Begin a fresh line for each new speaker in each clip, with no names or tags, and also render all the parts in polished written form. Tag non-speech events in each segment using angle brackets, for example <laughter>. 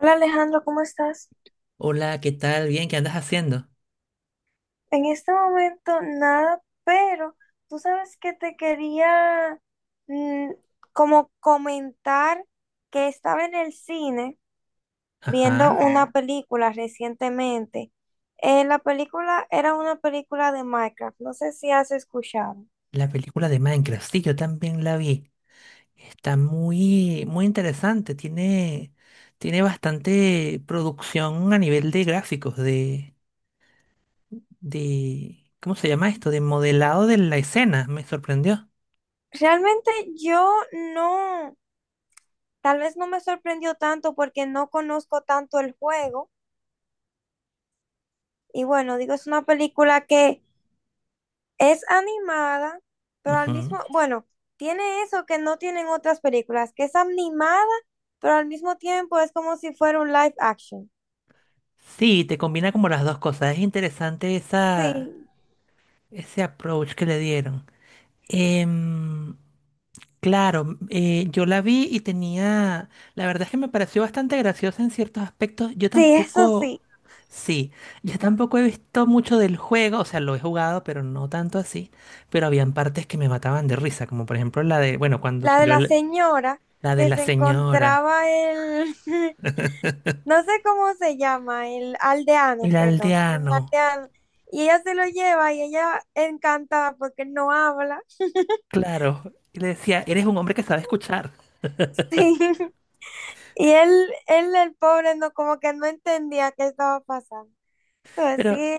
Hola Alejandro, ¿cómo estás?
Hola, ¿qué tal? Bien, ¿qué andas haciendo?
En este momento nada, pero tú sabes que te quería mm, como comentar que estaba en el cine viendo
Ajá,
una película recientemente. La película era una película de Minecraft, no sé si has escuchado.
la película de Minecraft, sí, yo también la vi. Está muy, muy interesante, tiene, tiene bastante producción a nivel de gráficos, de, ¿cómo se llama esto? De modelado de la escena, me sorprendió.
Realmente yo no, tal vez no me sorprendió tanto porque no conozco tanto el juego. Y bueno, digo, es una película que es animada, pero al
Ujú.
mismo, bueno, tiene eso que no tienen otras películas, que es animada, pero al mismo tiempo es como si fuera un live action.
Sí, te combina como las dos cosas, es interesante esa,
Sí,
ese approach que le dieron. Em, Claro, yo la vi y tenía, la verdad es que me pareció bastante graciosa en ciertos aspectos. Yo
sí, eso
tampoco,
sí.
sí, yo tampoco he visto mucho del juego, o sea, lo he jugado, pero no tanto así. Pero habían partes que me mataban de risa, como por ejemplo la de, bueno, cuando
La de
salió
la señora
la de
que
la
se
señora,
encontraba el, <laughs> no sé cómo se llama, el aldeano,
el
perdón, era un
aldeano,
aldeano. Y ella se lo lleva y ella encantada porque él no habla. <laughs>
claro, y le decía, eres un hombre que sabe escuchar.
Sí. Y el pobre, no, como que no entendía qué estaba pasando. Entonces,
Pero
sí,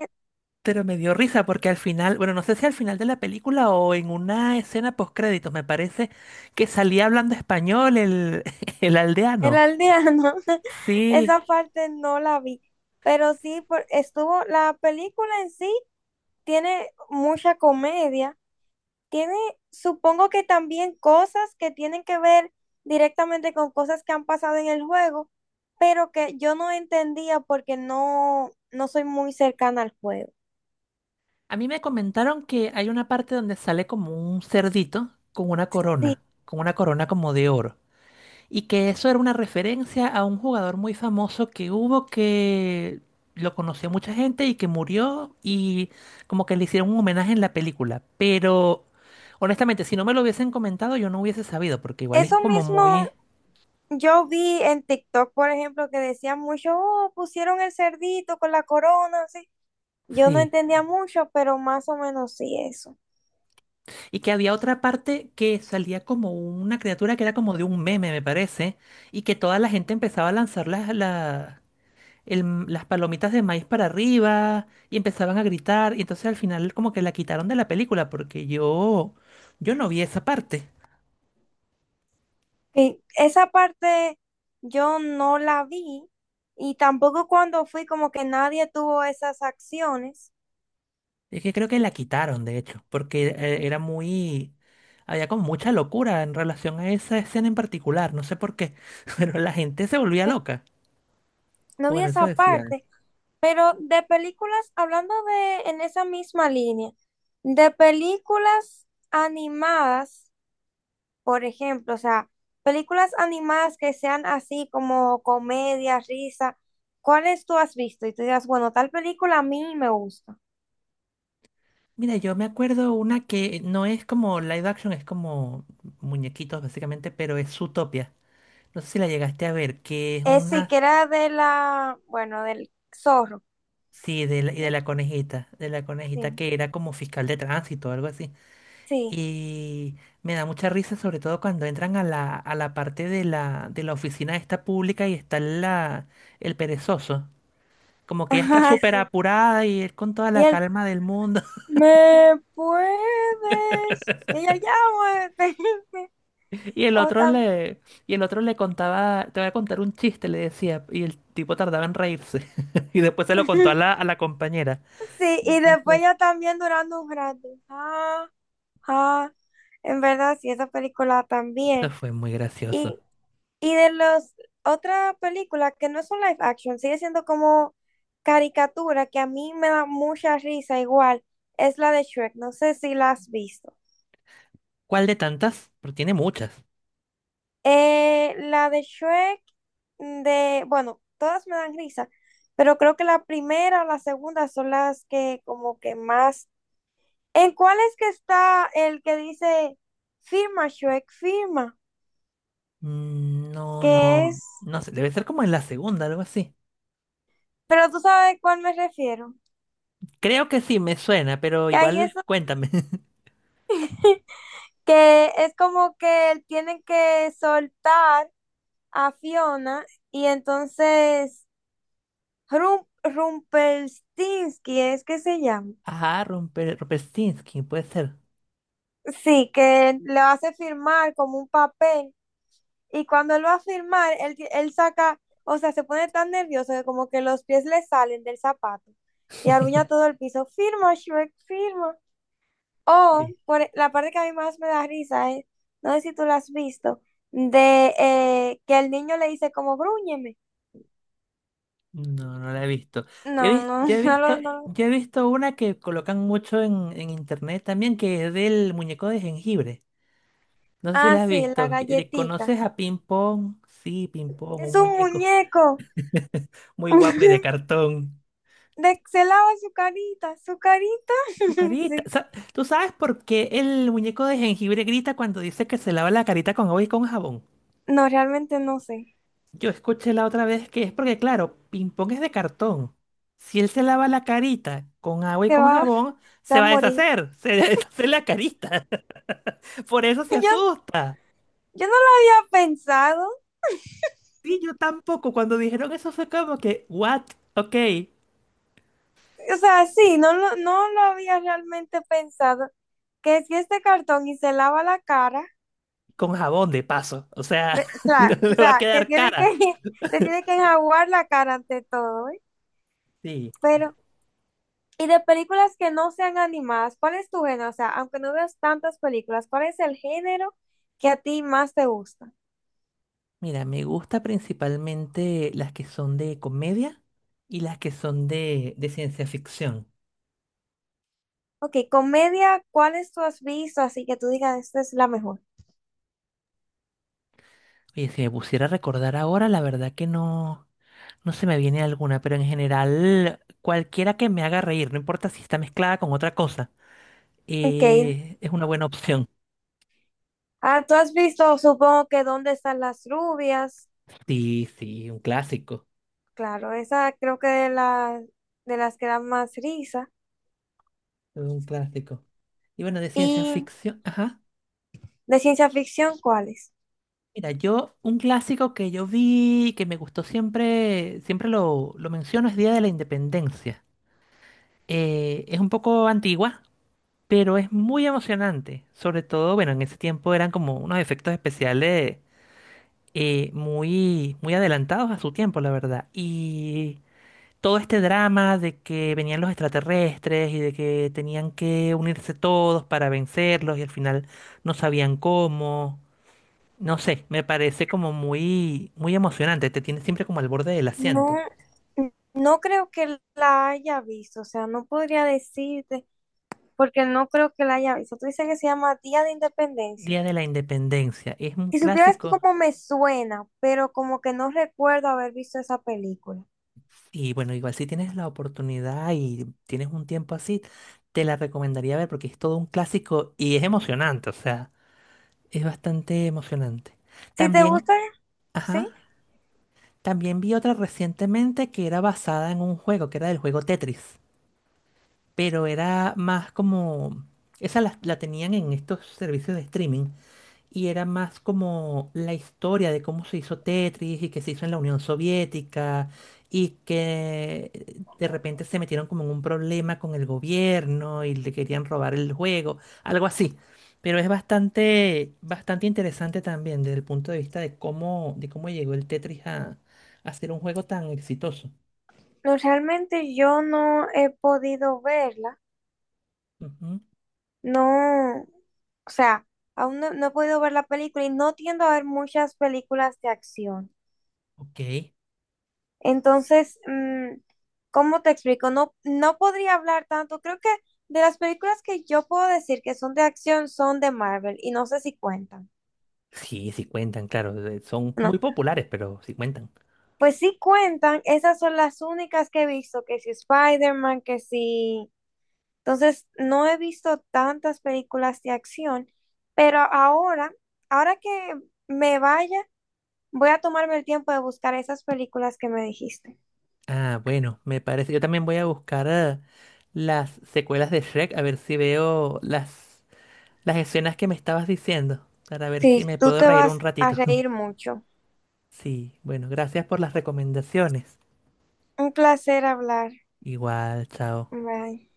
Pero me dio risa porque al final, bueno, no sé si al final de la película o en una escena post créditos, me parece que salía hablando español el, <laughs> el
el
aldeano.
aldeano, <laughs>
Sí,
esa parte no la vi, pero sí estuvo, la película en sí tiene mucha comedia, tiene, supongo que también cosas que tienen que ver directamente con cosas que han pasado en el juego, pero que yo no entendía porque no soy muy cercana al juego.
a mí me comentaron que hay una parte donde sale como un cerdito
Sí,
con una corona como de oro. Y que eso era una referencia a un jugador muy famoso que hubo que lo conoció mucha gente y que murió y como que le hicieron un homenaje en la película. Pero honestamente, si no me lo hubiesen comentado, yo no hubiese sabido, porque igual es
eso
como
mismo
muy...
yo vi en TikTok, por ejemplo, que decían mucho, oh, pusieron el cerdito con la corona, así. Yo no
Sí.
entendía mucho, pero más o menos sí eso.
Y que había otra parte que salía como una criatura que era como de un meme, me parece, y que toda la gente empezaba a lanzar las palomitas de maíz para arriba y empezaban a gritar. Y entonces al final como que la quitaron de la película porque yo no vi esa parte.
Y esa parte yo no la vi y tampoco cuando fui como que nadie tuvo esas acciones.
Es que creo que la quitaron, de hecho, porque era muy... Había como mucha locura en relación a esa escena en particular, no sé por qué, <laughs> pero la gente se volvía loca.
No vi
Bueno, eso
esa
decían.
parte, pero de películas, hablando de en esa misma línea, de películas animadas, por ejemplo, o sea, películas animadas que sean así como comedia, risa, ¿cuáles tú has visto? Y tú digas, bueno, tal película a mí me gusta.
Mira, yo me acuerdo una que no es como live action, es como muñequitos básicamente, pero es Zootopia. No sé si la llegaste a ver, que es
Sí,
una...
que era de la, bueno, del zorro.
Sí, de la, y de la conejita
Sí,
que era como fiscal de tránsito o algo así.
sí.
Y me da mucha risa, sobre todo cuando entran a la parte de la oficina esta pública y está la, el perezoso. Como
<laughs>
que ella está
Ajá,
súper
sí.
apurada y él con toda
Y
la
él,
calma del mundo. <laughs>
¿me puedes? Y ella, ya, muévete". <laughs>
Y el
O
otro
tam-
le, y el otro le contaba, te voy a contar un chiste, le decía, y el tipo tardaba en reírse. <laughs> Y después se lo contó
<laughs>
a la compañera.
Sí,
Qué
y después
gracioso.
ya también durando un rato. Ah, ah. En verdad, sí, esa película
Eso
también.
fue muy gracioso.
Y, y de las otras películas que no son live action, sigue siendo como caricatura, que a mí me da mucha risa igual, es la de Shrek. No sé si la has visto.
¿Cuál de tantas? Porque tiene muchas.
La de Shrek, de, bueno, todas me dan risa, pero creo que la primera o la segunda son las que como que más... ¿En cuál es que está el que dice firma Shrek, firma?
Mm, no,
Que
no,
es...
no sé, debe ser como en la segunda, algo así.
Pero tú sabes a cuál me refiero.
Creo que sí, me suena, pero
Que ahí
igual
es
cuéntame. <laughs>
que es como que tienen que soltar a Fiona y entonces Rumpelstiltskin es que se llama.
Ajá, Romper, Rumpelstiltskin, puede ser.
Sí, que lo hace firmar como un papel y cuando él va a firmar, él saca, o sea, se pone tan nervioso que como que los pies le salen del zapato y arruña todo
<laughs>
el piso. Firma, Shrek, firma.
¿Qué?
La parte que a mí más me da risa es, no sé si tú la has visto, de que el niño le dice como grúñeme.
No, no la he visto.
No, no, <laughs> no lo, no lo-
Yo he visto una que colocan mucho en internet también, que es del muñeco de jengibre. No sé si
Ah,
la has
sí, la
visto.
galletita.
¿Conoces a Ping Pong? Sí, Ping Pong,
Es
un
un
muñeco
muñeco.
<laughs> muy guapo y de
<laughs>
cartón.
De, se lava su carita, su carita.
Su
<laughs>
carita.
Sí.
¿Tú sabes por qué el muñeco de jengibre grita cuando dice que se lava la carita con agua y con jabón?
No, realmente no sé.
Yo escuché la otra vez que es porque, claro, ping pong es de cartón. Si él se lava la carita con agua y
Se
con
va,
jabón,
se va
se
a
va a
morir.
deshacer, se <laughs> deshace la carita. <laughs> Por eso se
<laughs> Yo,
asusta.
yo no lo había pensado.
Sí, yo tampoco. Cuando dijeron eso fue como que, what? Ok,
O sea, sí, no lo había realmente pensado. Que si este cartón y se lava la cara,
con jabón de paso. O sea, <laughs> no
claro,
le
o
va a
sea, que
quedar
tiene que,
cara.
<laughs> se tiene que enjaguar la cara ante todo, ¿eh?
Sí.
Pero, y de películas que no sean animadas, ¿cuál es tu género? O sea, aunque no veas tantas películas, ¿cuál es el género que a ti más te gusta?
Mira, me gusta principalmente las que son de comedia y las que son de ciencia ficción.
Ok, comedia, ¿cuáles tú has visto así que tú digas, esta es la mejor?
Oye, si me pusiera a recordar ahora, la verdad que no, no se me viene alguna, pero en general, cualquiera que me haga reír, no importa si está mezclada con otra cosa,
Ok,
es una buena opción.
ah, tú has visto, supongo que ¿Dónde están las rubias?
Sí, sí, un clásico,
Claro, esa creo que de, la, de las que dan más risa.
un clásico. Y bueno, de ciencia
¿Y
ficción, ajá.
de ciencia ficción cuáles?
Mira, yo, un clásico que yo vi, que me gustó siempre, siempre lo menciono, es Día de la Independencia. Es un poco antigua, pero es muy emocionante. Sobre todo, bueno, en ese tiempo eran como unos efectos especiales muy, muy adelantados a su tiempo, la verdad. Y todo este drama de que venían los extraterrestres y de que tenían que unirse todos para vencerlos y al final no sabían cómo. No sé, me parece como muy, muy emocionante. Te tiene siempre como al borde del
No,
asiento.
no creo que la haya visto, o sea, no podría decirte, porque no creo que la haya visto. Tú dices que se llama Día de Independencia.
Día de la Independencia. Es un
Si supieras que
clásico.
como me suena, pero como que no recuerdo haber visto esa película.
Y bueno, igual si tienes la oportunidad y tienes un tiempo así, te la recomendaría ver porque es todo un clásico y es emocionante, o sea, es bastante emocionante.
Si te
También,
gusta, sí.
ajá, también vi otra recientemente que era basada en un juego, que era del juego Tetris, pero era más como, esa la, la tenían en estos servicios de streaming y era más como la historia de cómo se hizo Tetris y que se hizo en la Unión Soviética y que de repente se metieron como en un problema con el gobierno y le querían robar el juego, algo así. Pero es bastante, bastante interesante también desde el punto de vista de cómo llegó el Tetris a ser un juego tan exitoso.
No, realmente yo no he podido verla.
Ujú,
No, o sea, aún no, no he podido ver la película y no tiendo a ver muchas películas de acción.
ok.
Entonces, ¿cómo te explico? No, no podría hablar tanto. Creo que de las películas que yo puedo decir que son de acción son de Marvel y no sé si cuentan.
Sí, sí cuentan, claro. Son
No,
muy populares, pero sí cuentan.
pues sí cuentan. Esas son las únicas que he visto, que si Spider-Man, que si... Entonces, no he visto tantas películas de acción, pero ahora que me vaya. Voy a tomarme el tiempo de buscar esas películas que me dijiste.
Ah, bueno, me parece. Yo también voy a buscar las secuelas de Shrek, a ver si veo las escenas que me estabas diciendo, para ver si
Sí,
me
tú
puedo
te
reír un
vas a
ratito. <laughs>
reír mucho.
Sí, bueno, gracias por las recomendaciones.
Un placer hablar.
Igual, chao.
Bye.